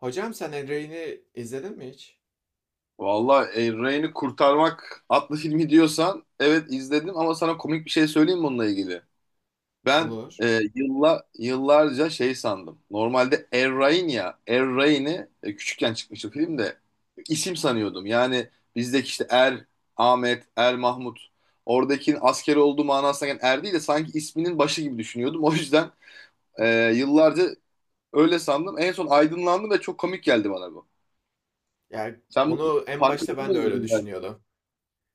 Hocam sen El Rey'ni izledin mi hiç? Valla Ryan'ı kurtarmak adlı filmi diyorsan evet izledim, ama sana komik bir şey söyleyeyim mi onunla ilgili? Ben Olur. Yıllarca şey sandım. Normalde Er Ryan ya Er Ryan'ı küçükken çıkmıştı filmde isim sanıyordum. Yani bizdeki işte Er, Ahmet, Er Mahmut oradakinin asker olduğu manasına gelen Er değil de sanki isminin başı gibi düşünüyordum. O yüzden yıllarca öyle sandım. En son aydınlandım ve çok komik geldi bana bu. Yani Sen bunu onu en başta farkında ben de öyle mıydın? Yani? düşünüyordum.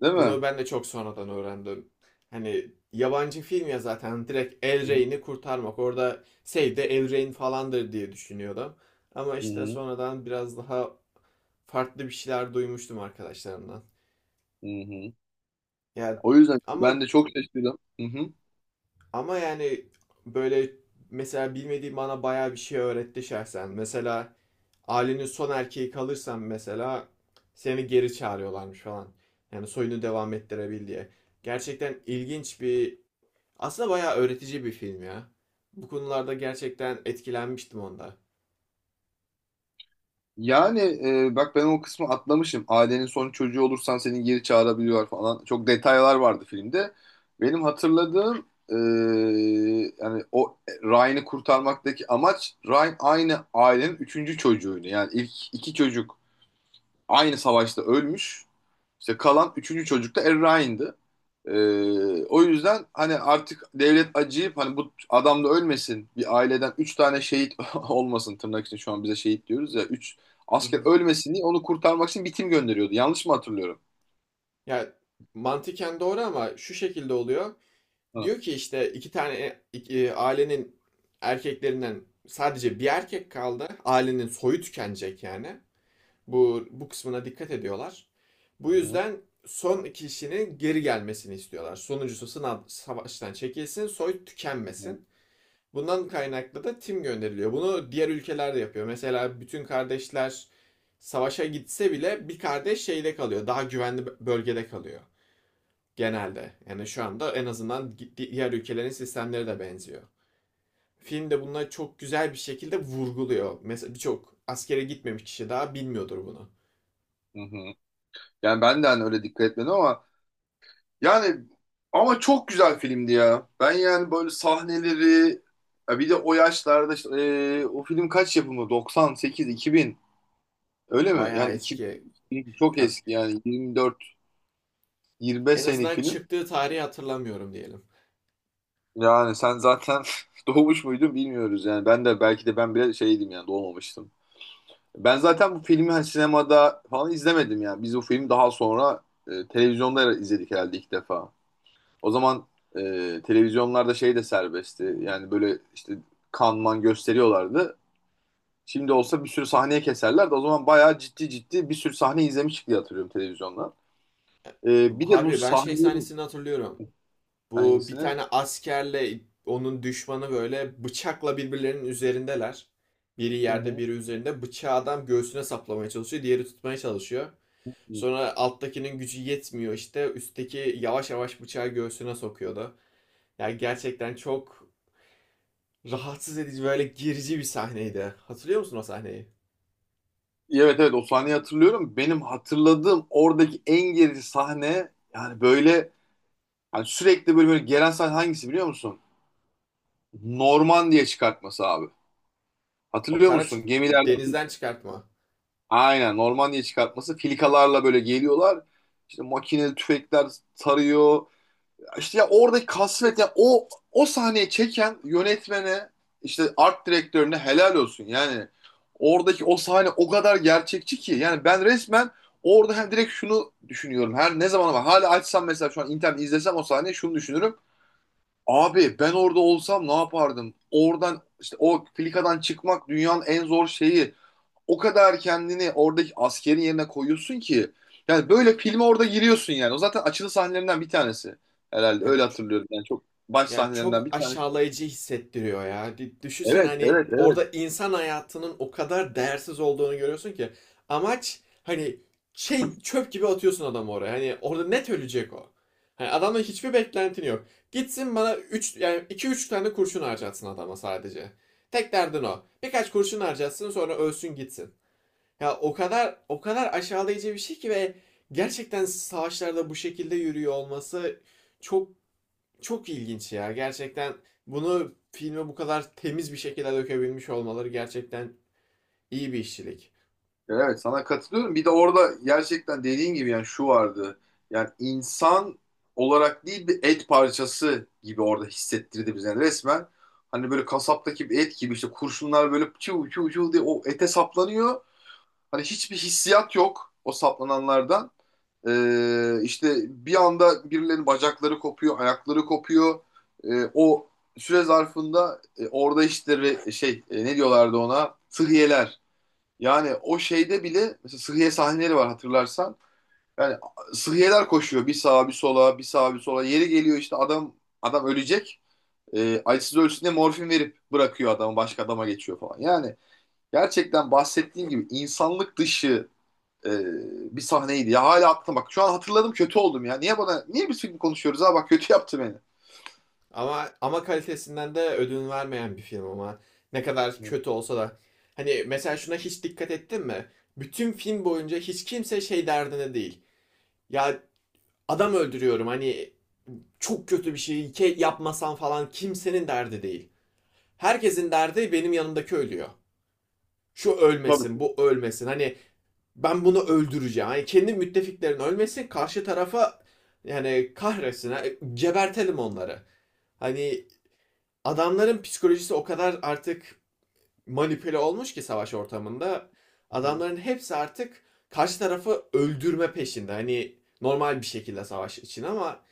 Değil Bunu mi? ben de çok sonradan öğrendim. Hani yabancı film ya, zaten direkt El Rey'ni kurtarmak. Orada Save the El Rey'in falandır diye düşünüyordum. Ama Hı işte hı, sonradan biraz daha farklı bir şeyler duymuştum arkadaşlarımdan. hı hı. Ya O yüzden ama ben de çok şaşırdım. Hı hı. ama yani böyle, mesela bilmediğim bana bayağı bir şey öğretti şahsen. Mesela ailenin son erkeği kalırsan, mesela seni geri çağırıyorlarmış falan. Yani soyunu devam ettirebil diye. Gerçekten ilginç bir, aslında bayağı öğretici bir film ya. Bu konularda gerçekten etkilenmiştim onda. Yani bak ben o kısmı atlamışım. Ailenin son çocuğu olursan seni geri çağırabiliyorlar falan. Çok detaylar vardı filmde. Benim hatırladığım yani o Ryan'ı kurtarmaktaki amaç, Ryan aynı ailenin üçüncü çocuğuydu. Yani ilk iki çocuk aynı savaşta ölmüş. İşte kalan üçüncü çocuk da Errain'di. O yüzden hani artık devlet acıyıp hani bu adam da ölmesin, bir aileden üç tane şehit olmasın, tırnak için şu an bize şehit diyoruz ya, üç Hı asker hı. ölmesin diye onu kurtarmak için bir tim gönderiyordu. Yanlış mı hatırlıyorum? Ya mantıken doğru ama şu şekilde oluyor. Hı. Diyor ki işte iki tane ailenin erkeklerinden sadece bir erkek kaldı. Ailenin soyu tükenecek yani. Bu kısmına dikkat ediyorlar. Hı Bu hı. yüzden son kişinin geri gelmesini istiyorlar. Sonuncusu sınav savaştan çekilsin, soy Hı tükenmesin. Bundan kaynaklı da tim gönderiliyor. Bunu diğer ülkeler de yapıyor. Mesela bütün kardeşler savaşa gitse bile bir kardeş şeyde kalıyor. Daha güvenli bölgede kalıyor genelde. Yani şu anda en azından diğer ülkelerin sistemleri de benziyor. Film de bunları çok güzel bir şekilde vurguluyor. Mesela birçok askere gitmemiş kişi daha bilmiyordur bunu. hı. Hı. Yani ben de hani öyle dikkat etmedim ama yani, ama çok güzel filmdi ya. Ben yani böyle sahneleri, ya bir de o yaşlarda işte, o film kaç yapımı? 98, 2000. Öyle mi? Bayağı Yani iki, eski. çok Ya eski yani 24 25 en senelik azından film. çıktığı tarihi hatırlamıyorum diyelim. Yani sen zaten doğmuş muydun bilmiyoruz yani. Ben de belki de, ben bile şeydim yani, doğmamıştım. Ben zaten bu filmi hani sinemada falan izlemedim yani. Biz bu filmi daha sonra televizyonda izledik herhalde ilk defa. O zaman televizyonlarda şey de serbestti. Yani böyle işte kanman gösteriyorlardı. Şimdi olsa bir sürü sahneye keserlerdi. O zaman bayağı ciddi ciddi bir sürü sahne izlemiştik diye hatırlıyorum televizyondan. Bir de bu Harbi ben sahne. şey sahnesini hatırlıyorum. Bu, bir Hangisini? Hı tane askerle onun düşmanı böyle bıçakla birbirlerinin üzerindeler. Biri yerde, hı. biri üzerinde. Bıçağı adam göğsüne saplamaya çalışıyor. Diğeri tutmaya çalışıyor. Hmm. Sonra alttakinin gücü yetmiyor, işte üstteki yavaş yavaş bıçağı göğsüne sokuyordu. Yani gerçekten çok rahatsız edici, böyle gerici bir sahneydi. Hatırlıyor musun o sahneyi? Evet evet, o sahneyi hatırlıyorum. Benim hatırladığım oradaki en gerici sahne, yani böyle hani sürekli böyle, böyle gelen sahne hangisi biliyor musun? Norman diye çıkartması abi. O Hatırlıyor kara musun? Gemilerde denizden çıkartma. aynen Norman diye çıkartması. Filikalarla böyle geliyorlar. İşte makineli tüfekler tarıyor. İşte ya oradaki kasvet, ya o sahneyi çeken yönetmene, işte art direktörüne helal olsun. Yani oradaki o sahne o kadar gerçekçi ki, yani ben resmen orada hem direkt şunu düşünüyorum. Her ne zaman ama hala açsam, mesela şu an internet izlesem o sahneyi şunu düşünürüm. Abi ben orada olsam ne yapardım? Oradan işte o filikadan çıkmak dünyanın en zor şeyi, o kadar kendini oradaki askerin yerine koyuyorsun ki, yani böyle filme orada giriyorsun yani. O zaten açılı sahnelerinden bir tanesi herhalde, Ya. öyle hatırlıyorum. Yani çok baş Ya sahnelerinden çok bir tanesi. aşağılayıcı hissettiriyor ya. Düşünsen, Evet, hani evet, evet. orada insan hayatının o kadar değersiz olduğunu görüyorsun ki, amaç hani şey, çöp gibi atıyorsun adamı oraya. Hani orada net ölecek o. Hani adamla hiçbir beklentin yok. Gitsin bana üç, yani 2 3 tane kurşun harcatsın adama sadece. Tek derdin o. Birkaç kurşun harcatsın, sonra ölsün gitsin. Ya o kadar, o kadar aşağılayıcı bir şey ki ve gerçekten savaşlarda bu şekilde yürüyor olması çok çok ilginç ya. Gerçekten bunu filme bu kadar temiz bir şekilde dökebilmiş olmaları gerçekten iyi bir işçilik. Evet, sana katılıyorum. Bir de orada gerçekten dediğin gibi yani şu vardı. Yani insan olarak değil, bir et parçası gibi orada hissettirdi bize, yani resmen. Hani böyle kasaptaki bir et gibi, işte kurşunlar böyle çuv çuv çuv diye o ete saplanıyor. Hani hiçbir hissiyat yok o saplananlardan. İşte bir anda birilerinin bacakları kopuyor, ayakları kopuyor. O süre zarfında orada işte şey ne diyorlardı ona? Sıhhiyeler. Yani o şeyde bile mesela sıhhiye sahneleri var hatırlarsan. Yani sıhhiyeler koşuyor bir sağa bir sola, bir sağa bir sola. Yeri geliyor işte adam ölecek. Acısız ölsün diye morfin verip bırakıyor adamı, başka adama geçiyor falan. Yani gerçekten bahsettiğim gibi insanlık dışı e, bir sahneydi ya. Hala aklım, bak. Şu an hatırladım, kötü oldum ya. Niye biz film konuşuyoruz ha, bak kötü yaptı beni. Ama kalitesinden de ödün vermeyen bir film ama, ne kadar kötü olsa da hani mesela şuna hiç dikkat ettin mi? Bütün film boyunca hiç kimse şey derdine değil. Ya adam öldürüyorum, hani çok kötü bir şey yapmasan falan, kimsenin derdi değil. Herkesin derdi benim yanımdaki ölüyor. Şu ölmesin, Tabii. bu ölmesin. Hani ben bunu öldüreceğim. Yani kendi müttefiklerin ölmesin, karşı tarafa yani Kahresine ha, gebertelim onları. Hani adamların psikolojisi o kadar artık manipüle olmuş ki savaş ortamında adamların hepsi artık karşı tarafı öldürme peşinde. Hani normal bir şekilde savaş için ama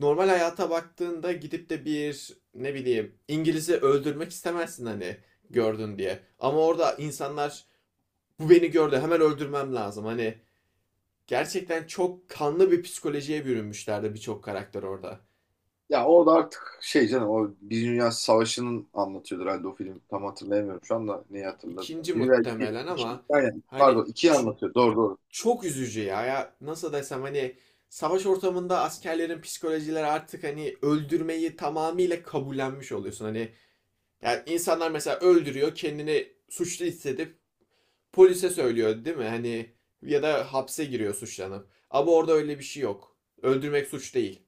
normal hayata baktığında gidip de bir, ne bileyim, İngiliz'i öldürmek istemezsin hani, gördün diye. Ama orada insanlar, bu beni gördü, hemen öldürmem lazım. Hani gerçekten çok kanlı bir psikolojiye bürünmüşlerdi birçok karakter orada. Ya orada artık şey canım, o Birinci Dünya Savaşı'nın anlatıyordu herhalde o film. Tam hatırlayamıyorum şu anda neyi hatırladı. İkinci Biri ve iki, muhtemelen ama aynen, hani, pardon ikiyi ç- anlatıyor. Doğru doğru. çok üzücü ya. Ya nasıl desem, hani savaş ortamında askerlerin psikolojileri artık hani öldürmeyi tamamıyla kabullenmiş oluyorsun. Hani yani insanlar mesela öldürüyor, kendini suçlu hissedip polise söylüyor değil mi? Hani ya da hapse giriyor suçlanıp. Ama orada öyle bir şey yok. Öldürmek suç değil.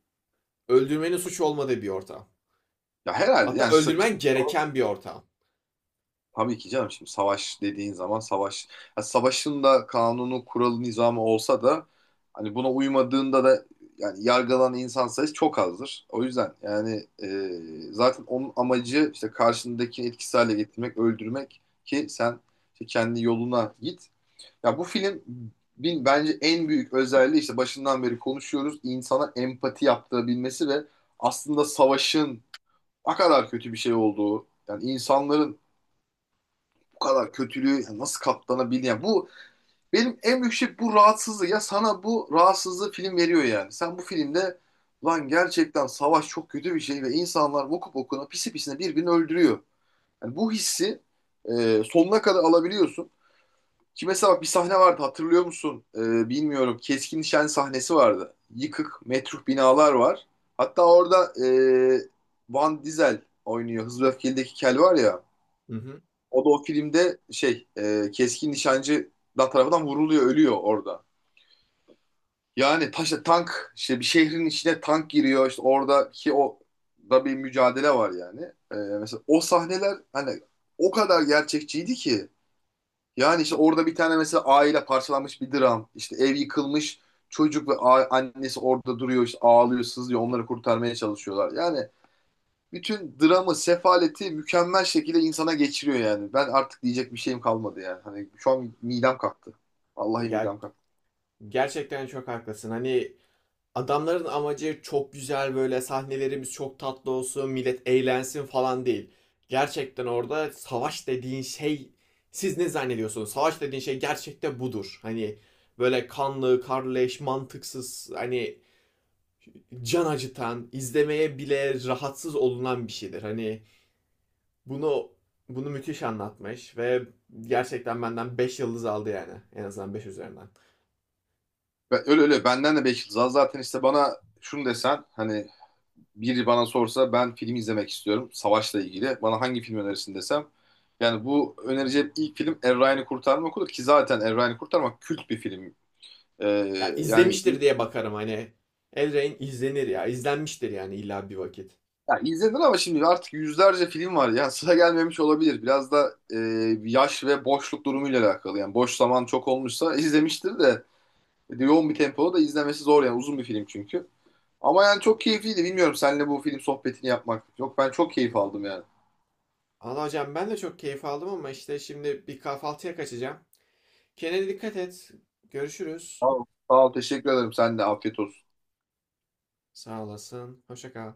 Öldürmenin suç olmadığı bir ortam. Ya herhalde Hatta yani. öldürmen gereken bir ortam. Tabii ki canım, şimdi savaş dediğin zaman, savaş ya, savaşın da kanunu kuralı nizamı olsa da hani buna uymadığında da yani yargılanan insan sayısı çok azdır. O yüzden yani zaten onun amacı işte karşındakini etkisiz hale getirmek, öldürmek, ki sen işte kendi yoluna git. Ya bu film, bin bence en büyük özelliği, işte başından beri konuşuyoruz, insana empati yaptırabilmesi ve aslında savaşın ne kadar kötü bir şey olduğu, yani insanların bu kadar kötülüğü nasıl katlanabilir? Yani bu benim en büyük şey, bu rahatsızlığı. Ya sana bu rahatsızlığı film veriyor yani. Sen bu filmde, lan gerçekten savaş çok kötü bir şey ve insanlar okup okuna pisi pisine birbirini öldürüyor. Yani bu hissi sonuna kadar alabiliyorsun. Ki mesela bak, bir sahne vardı hatırlıyor musun? E, bilmiyorum. Keskin nişan sahnesi vardı. Yıkık, metruh binalar var. Hatta orada Van Diesel oynuyor. Hızlı ve Öfkeli'deki Kel var ya. Hı hı. O da o filmde şey keskin nişancı da tarafından vuruluyor, ölüyor orada. Yani taşla tank, işte bir şehrin içine tank giriyor, işte oradaki o da bir mücadele var yani. Mesela o sahneler hani o kadar gerçekçiydi ki, yani işte orada bir tane mesela aile parçalanmış bir dram, işte ev yıkılmış, çocuk ve annesi orada duruyor, işte ağlıyor sızlıyor, onları kurtarmaya çalışıyorlar. Yani bütün dramı, sefaleti mükemmel şekilde insana geçiriyor yani. Ben artık diyecek bir şeyim kalmadı yani. Hani şu an midem kalktı. Vallahi Ya midem kalktı. gerçekten çok haklısın. Hani adamların amacı çok güzel, böyle sahnelerimiz çok tatlı olsun, millet eğlensin falan değil. Gerçekten orada savaş dediğin şey, siz ne zannediyorsunuz? Savaş dediğin şey gerçekten budur. Hani böyle kanlı, karleş, mantıksız, hani can acıtan, izlemeye bile rahatsız olunan bir şeydir. Hani bunu bunu müthiş anlatmış ve gerçekten benden 5 yıldız aldı yani. En azından 5 üzerinden. Ben, öyle öyle, benden de 5 yıldız az. Zaten işte bana şunu desen hani, biri bana sorsa ben film izlemek istiyorum savaşla ilgili, bana hangi film önerirsin desem, yani bu önereceğim ilk film Er Ryan'ı Kurtarmak olur, ki zaten Er Ryan'ı Kurtarmak kült bir film. Ee, Ya Yani, izlemiştir diye bakarım hani. Elrain izlenir ya. İzlenmiştir yani illa bir vakit. ya izledin ama şimdi artık yüzlerce film var ya, sıra gelmemiş olabilir. Biraz da yaş ve boşluk durumuyla alakalı. Yani boş zaman çok olmuşsa izlemiştir de yoğun bir tempoda da izlemesi zor, yani uzun bir film çünkü. Ama yani çok keyifliydi. Bilmiyorum, seninle bu film sohbetini yapmak. Yok, ben çok keyif aldım yani. Allah hocam, ben de çok keyif aldım ama işte şimdi bir kahvaltıya kaçacağım. Kendine dikkat et. Sağ Görüşürüz. ol. Sağ ol, teşekkür ederim. Sen de afiyet olsun. Sağ olasın. Hoşça kal.